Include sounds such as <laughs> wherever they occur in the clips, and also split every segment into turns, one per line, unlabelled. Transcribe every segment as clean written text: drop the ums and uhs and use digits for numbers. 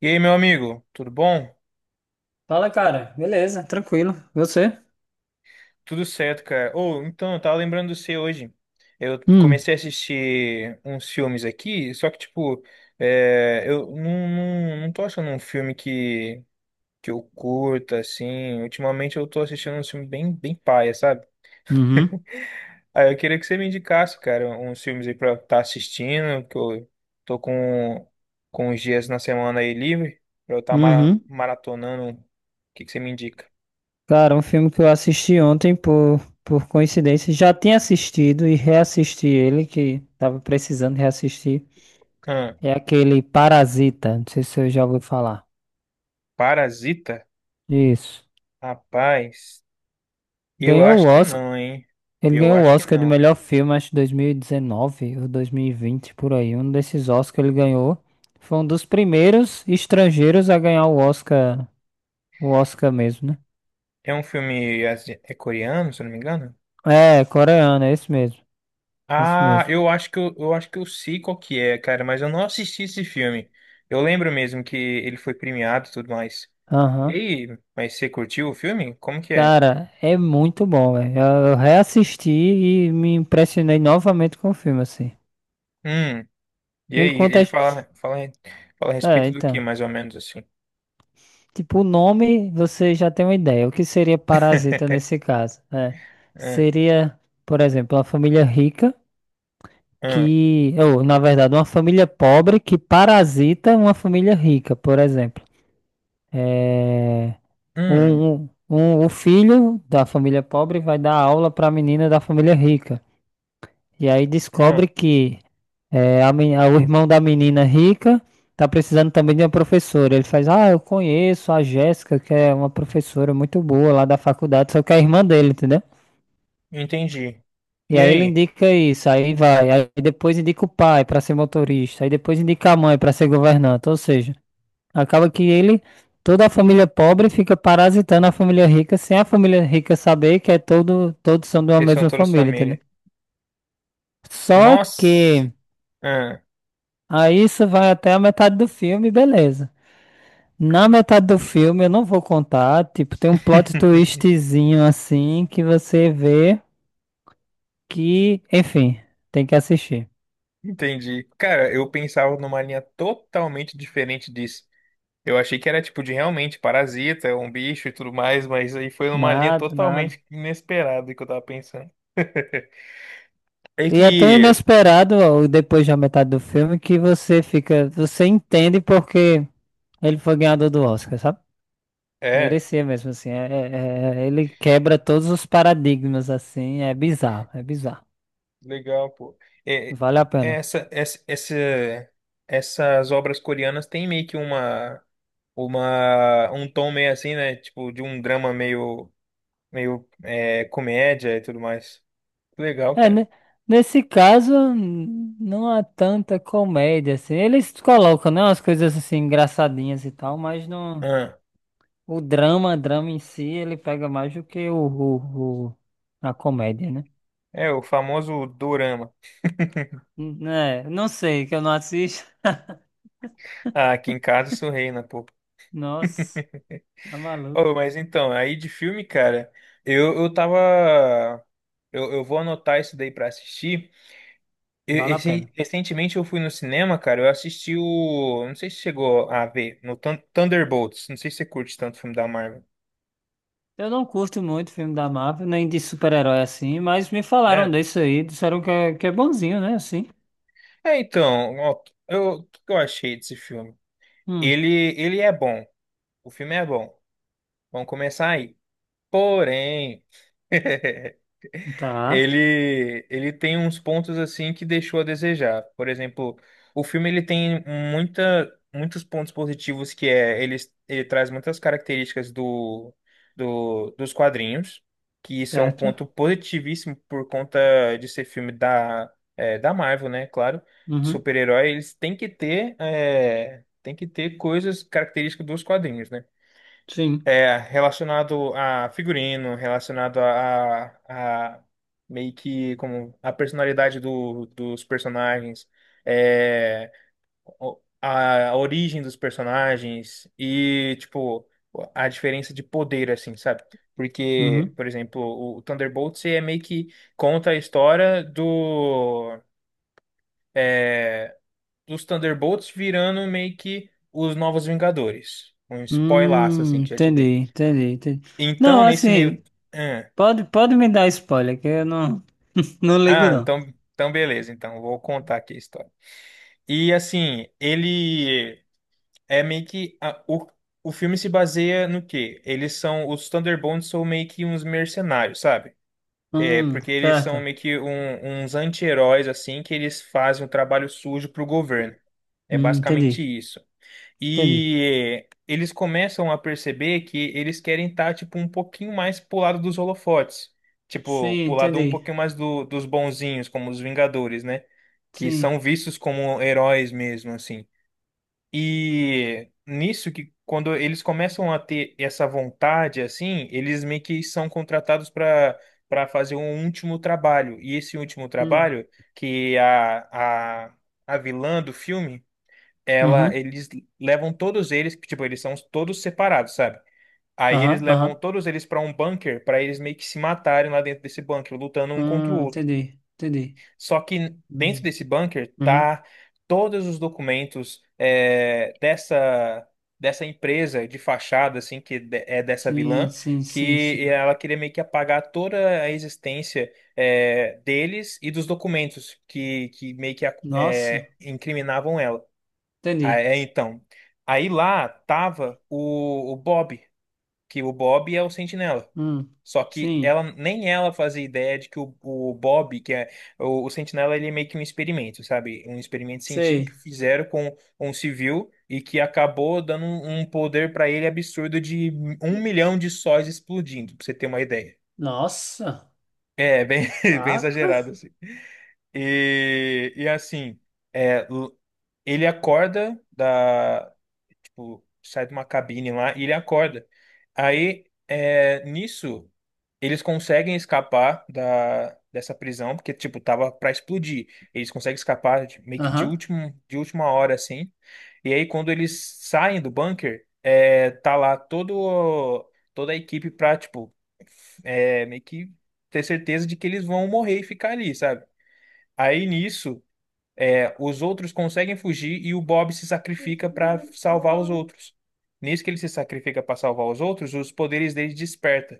E aí, meu amigo, tudo bom?
Fala, cara. Beleza, tranquilo. Você?
Tudo certo, cara. Ou então, eu tava lembrando de você hoje. Eu
Hum,
comecei a assistir uns filmes aqui, só que, tipo, eu não tô achando um filme que eu curta, assim. Ultimamente eu tô assistindo um filme bem paia, sabe?
uhum,
Aí eu queria que você me indicasse, cara, uns filmes aí pra eu estar assistindo, que eu tô com, com os dias na semana aí livre, pra eu estar
uhum.
maratonando. O que que você me indica?
Cara, um filme que eu assisti ontem por coincidência, já tinha assistido e reassisti ele, que tava precisando reassistir.
Hã,
É aquele Parasita, não sei se eu já ouviu falar.
Parasita?
Isso.
Rapaz, eu
Ganhou o
acho que
Oscar,
não, hein?
ele
Eu
ganhou o
acho que
Oscar de
não.
melhor filme, acho que 2019 ou 2020 por aí. Um desses Oscars ele ganhou. Foi um dos primeiros estrangeiros a ganhar o Oscar mesmo, né?
É um filme é coreano, se eu não me engano?
É, coreano, é isso mesmo. É isso
Ah,
mesmo.
eu acho que eu acho que eu sei qual que é, cara, mas eu não assisti esse filme. Eu lembro mesmo que ele foi premiado e tudo mais. E
Aham.
aí, mas você curtiu o filme? Como que é?
Cara, é muito bom, velho. Eu reassisti e me impressionei novamente com o filme, assim.
Hum, e
Ele
aí,
conta.
ele fala a
É,
respeito do que,
então.
mais ou menos assim?
Tipo, o nome você já tem uma ideia. O que seria parasita
<laughs>
nesse caso? É.
Hum,
Seria, por exemplo, uma família rica
hum,
que. Ou, na verdade, uma família pobre que parasita uma família rica, por exemplo. É,
hum,
Um, o filho da família pobre vai dar aula para a menina da família rica. E aí
hum,
descobre que o irmão da menina rica tá precisando também de uma professora. Ele faz, ah, eu conheço a Jéssica, que é uma professora muito boa lá da faculdade, só que é a irmã dele, entendeu?
entendi.
E
E
aí ele
aí?
indica isso, aí vai, aí depois indica o pai para ser motorista, aí depois indica a mãe para ser governanta, ou seja. Acaba que ele, toda a família pobre fica parasitando a família rica, sem a família rica saber que é todos são de uma
Que são
mesma
todas
família, entendeu?
família.
Só
Nossa!
que aí isso vai até a metade do filme, beleza. Na metade do filme eu não vou contar, tipo, tem um plot
<laughs>
twistzinho assim que você vê que, enfim, tem que assistir.
Entendi. Cara, eu pensava numa linha totalmente diferente disso. Eu achei que era tipo de realmente parasita, um bicho e tudo mais, mas aí foi numa linha
Nada, nada.
totalmente inesperada que eu tava pensando. <laughs> É
E é tão
que.
inesperado, ó, depois da metade do filme, que você fica, você entende porque ele foi ganhador do Oscar, sabe?
É,
Merecia mesmo, assim. Ele quebra todos os paradigmas, assim. É bizarro, é bizarro.
legal, pô. É,
Vale a pena.
essa, essas obras coreanas têm meio que uma, um tom meio assim, né? Tipo, de um drama meio, meio comédia e tudo mais. Legal,
É, nesse caso, não há tanta comédia, assim. Eles colocam, né, umas coisas, assim, engraçadinhas e tal, mas não...
cara.
O drama, drama em si, ele pega mais do que a comédia, né?
É, o famoso dorama.
É, não sei, que eu não assisto. <laughs>
Ah, aqui em casa isso reina, pô.
Nossa, tá maluco.
Oh, mas então, aí de filme, cara, eu tava. Eu vou anotar isso daí pra assistir.
Vale a pena.
Recentemente eu fui no cinema, cara, eu assisti o. Não sei se chegou a ver, no Thunderbolts. Não sei se você curte tanto filme da Marvel.
Eu não curto muito filme da Marvel, nem de super-herói assim, mas me falaram
É.
desse aí, disseram que é bonzinho, né? Assim.
É, então, ó, eu, o que eu achei desse filme?
Hum,
Ele é bom. O filme é bom. Vamos começar aí. Porém. <laughs>
tá,
Ele tem uns pontos assim que deixou a desejar. Por exemplo, o filme ele tem muita muitos pontos positivos que é ele, ele traz muitas características do dos quadrinhos, que isso é um
certo.
ponto positivíssimo por conta de ser filme da da Marvel, né? Claro, de
Uhum,
super-herói eles têm que ter tem que ter coisas características dos quadrinhos, né?
sim.
É, relacionado a figurino, relacionado a meio que como a personalidade dos personagens, é, a origem dos personagens e, tipo, a diferença de poder, assim, sabe? Porque,
Uhum.
por exemplo, o Thunderbolts é meio que conta a história é, dos Thunderbolts virando meio que os Novos Vingadores. Um spoilaço, assim, que já te
Entendi,
dei.
entendi, entendi.
Então,
Não,
nesse meio.
assim,
Ah,
pode me dar spoiler, que eu não, <laughs> não ligo não.
então beleza. Então, vou contar aqui a história. E assim, ele é meio que. O filme se baseia no quê? Eles são. Os Thunderbolts são meio que uns mercenários, sabe? É, porque eles são
Certo.
meio que uns anti-heróis, assim, que eles fazem um trabalho sujo pro governo. É basicamente
Entendi,
isso.
entendi.
E eles começam a perceber que eles querem estar, tipo, um pouquinho mais pro lado dos holofotes. Tipo,
Sim,
pro lado um pouquinho
entendi.
mais dos bonzinhos, como os Vingadores, né? Que são
Sim.
vistos como heróis mesmo, assim. E nisso que quando eles começam a ter essa vontade, assim, eles meio que são contratados para fazer um último trabalho. E esse último
Hum.
trabalho, que é a vilã do filme ela,
Uhum.
eles levam todos eles, tipo, eles são todos separados, sabe? Aí eles
Aham,
levam
aham.
todos eles pra um bunker pra eles meio que se matarem lá dentro desse bunker, lutando um contra o
Ah,
outro.
entendi, entendi.
Só que dentro
Hum,
desse bunker
uhum.
tá todos os documentos dessa empresa de fachada, assim, que é dessa
Sim,
vilã,
sim, sim,
que
sim.
ela queria meio que apagar toda a existência deles e dos documentos que meio que
Nossa,
incriminavam ela.
entendi.
Ah, é, então. Aí lá tava o Bob, que o Bob é o Sentinela.
Hum,
Só que
sim,
ela nem ela fazia ideia de que o Bob, que é o Sentinela, ele é meio que um experimento, sabe? Um experimento científico que
sei.
fizeram com um civil e que acabou dando um poder pra ele absurdo de um milhão de sóis explodindo, pra você ter uma ideia.
Nossa,
É, bem, <laughs> bem
taca.
exagerado, assim. E assim, é, l- ele acorda da sai de uma cabine lá e ele acorda. Nisso, eles conseguem escapar dessa prisão, porque, tipo, tava pra explodir. Eles conseguem escapar meio que de
Aham.
último, de última hora, assim. E aí, quando eles saem do bunker, é, toda a equipe pra, tipo, é, meio que ter certeza de que eles vão morrer e ficar ali, sabe? Aí, nisso. É, os outros conseguem fugir e o Bob se sacrifica para salvar os outros. Nisso que ele se sacrifica para salvar os outros, os poderes dele desperta,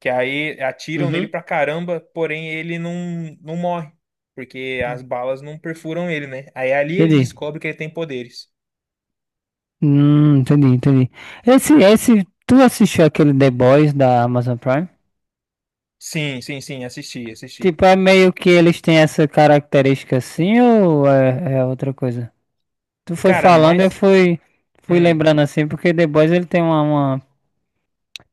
que aí atiram nele
Uhum.
pra caramba, porém ele não morre, porque as balas não perfuram ele, né? Aí ali ele
Entendi.
descobre que ele tem poderes.
Entendi, entendi. Tu assistiu aquele The Boys da Amazon Prime?
Sim, assisti, assisti.
Tipo, é meio que eles têm essa característica assim ou é outra coisa? Tu foi
Cara,
falando, eu
mas
fui,
hum,
lembrando assim, porque The Boys ele tem uma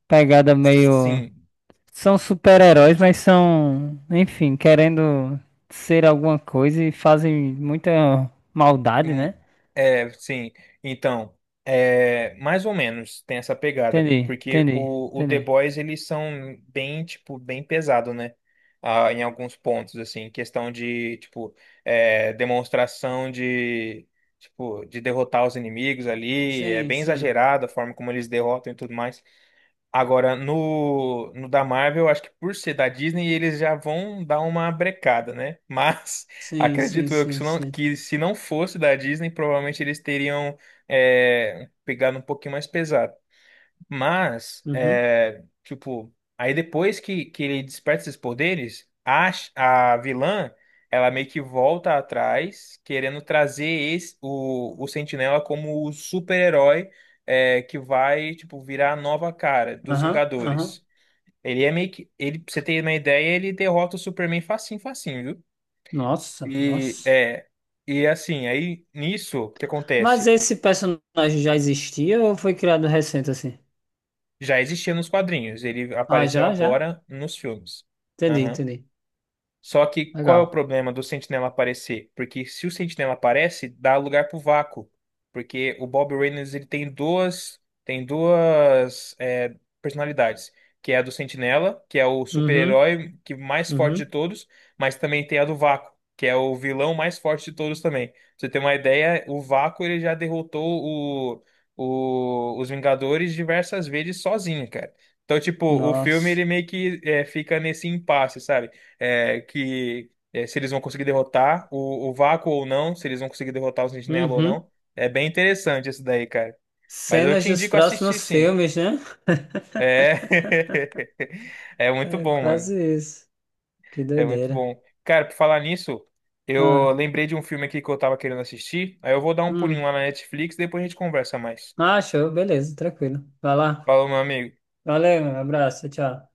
pegada meio.
sim.
São super-heróis, mas são, enfim, querendo ser alguma coisa e fazem muita maldade,
Hum,
né?
é, sim. Então, é, mais ou menos tem essa pegada,
Entendi,
porque
entendi,
o The
entendi.
Boys eles são bem, tipo, bem pesado, né? Ah, em alguns pontos, assim, questão de, tipo, é, demonstração de, tipo, de derrotar os inimigos ali, é
Sim,
bem
sim,
exagerado a forma como eles derrotam e tudo mais. Agora, no da Marvel, acho que por ser da Disney, eles já vão dar uma brecada, né? Mas <laughs>
sim, sim,
acredito eu
sim, sim.
que se não fosse da Disney, provavelmente eles teriam pegado um pouquinho mais pesado. Mas,
Uhum.
é, tipo, aí depois que ele desperta esses poderes, a vilã, ela meio que volta atrás, querendo trazer esse, o Sentinela como o super-herói, é, que vai, tipo, virar a nova cara dos
Aham, aham.
Vingadores. Ele é meio que, ele, pra você ter uma ideia, ele derrota o Superman facinho, facinho, viu?
Nossa,
E,
nossa.
é, e assim, aí nisso, o que
Mas
acontece?
esse personagem já existia ou foi criado recente assim?
Já existia nos quadrinhos, ele
Ah,
apareceu
já, já.
agora nos filmes.
Entendi,
Aham.
entendi.
Só que qual é o
Legal.
problema do Sentinela aparecer? Porque se o Sentinela aparece, dá lugar pro vácuo. Porque o Bob Reynolds ele tem tem duas é, personalidades. Que é a do Sentinela, que é o
Uhum,
super-herói que mais forte de
uhum.
todos, mas também tem a do Vácuo, que é o vilão mais forte de todos também. Pra você ter uma ideia, o Vácuo ele já derrotou os Vingadores diversas vezes sozinho, cara. Então, tipo, o filme ele
Nossa.
meio que é, fica nesse impasse, sabe? É, que é, se eles vão conseguir derrotar o Vácuo ou não, se eles vão conseguir derrotar o Sentinela ou
Uhum.
não. É bem interessante isso daí, cara. Mas eu
Cenas
te
dos
indico assistir,
próximos
sim.
filmes, né? <laughs>
É, <laughs> é muito
É
bom, mano.
quase isso. Que
É muito
doideira.
bom. Cara, por falar nisso, eu
Ah,
lembrei de um filme aqui que eu tava querendo assistir. Aí eu vou dar um pulinho
hum.
lá na Netflix, depois a gente conversa mais.
Ah, show, beleza, tranquilo. Vai lá.
Falou, meu amigo.
Valeu, meu abraço, tchau.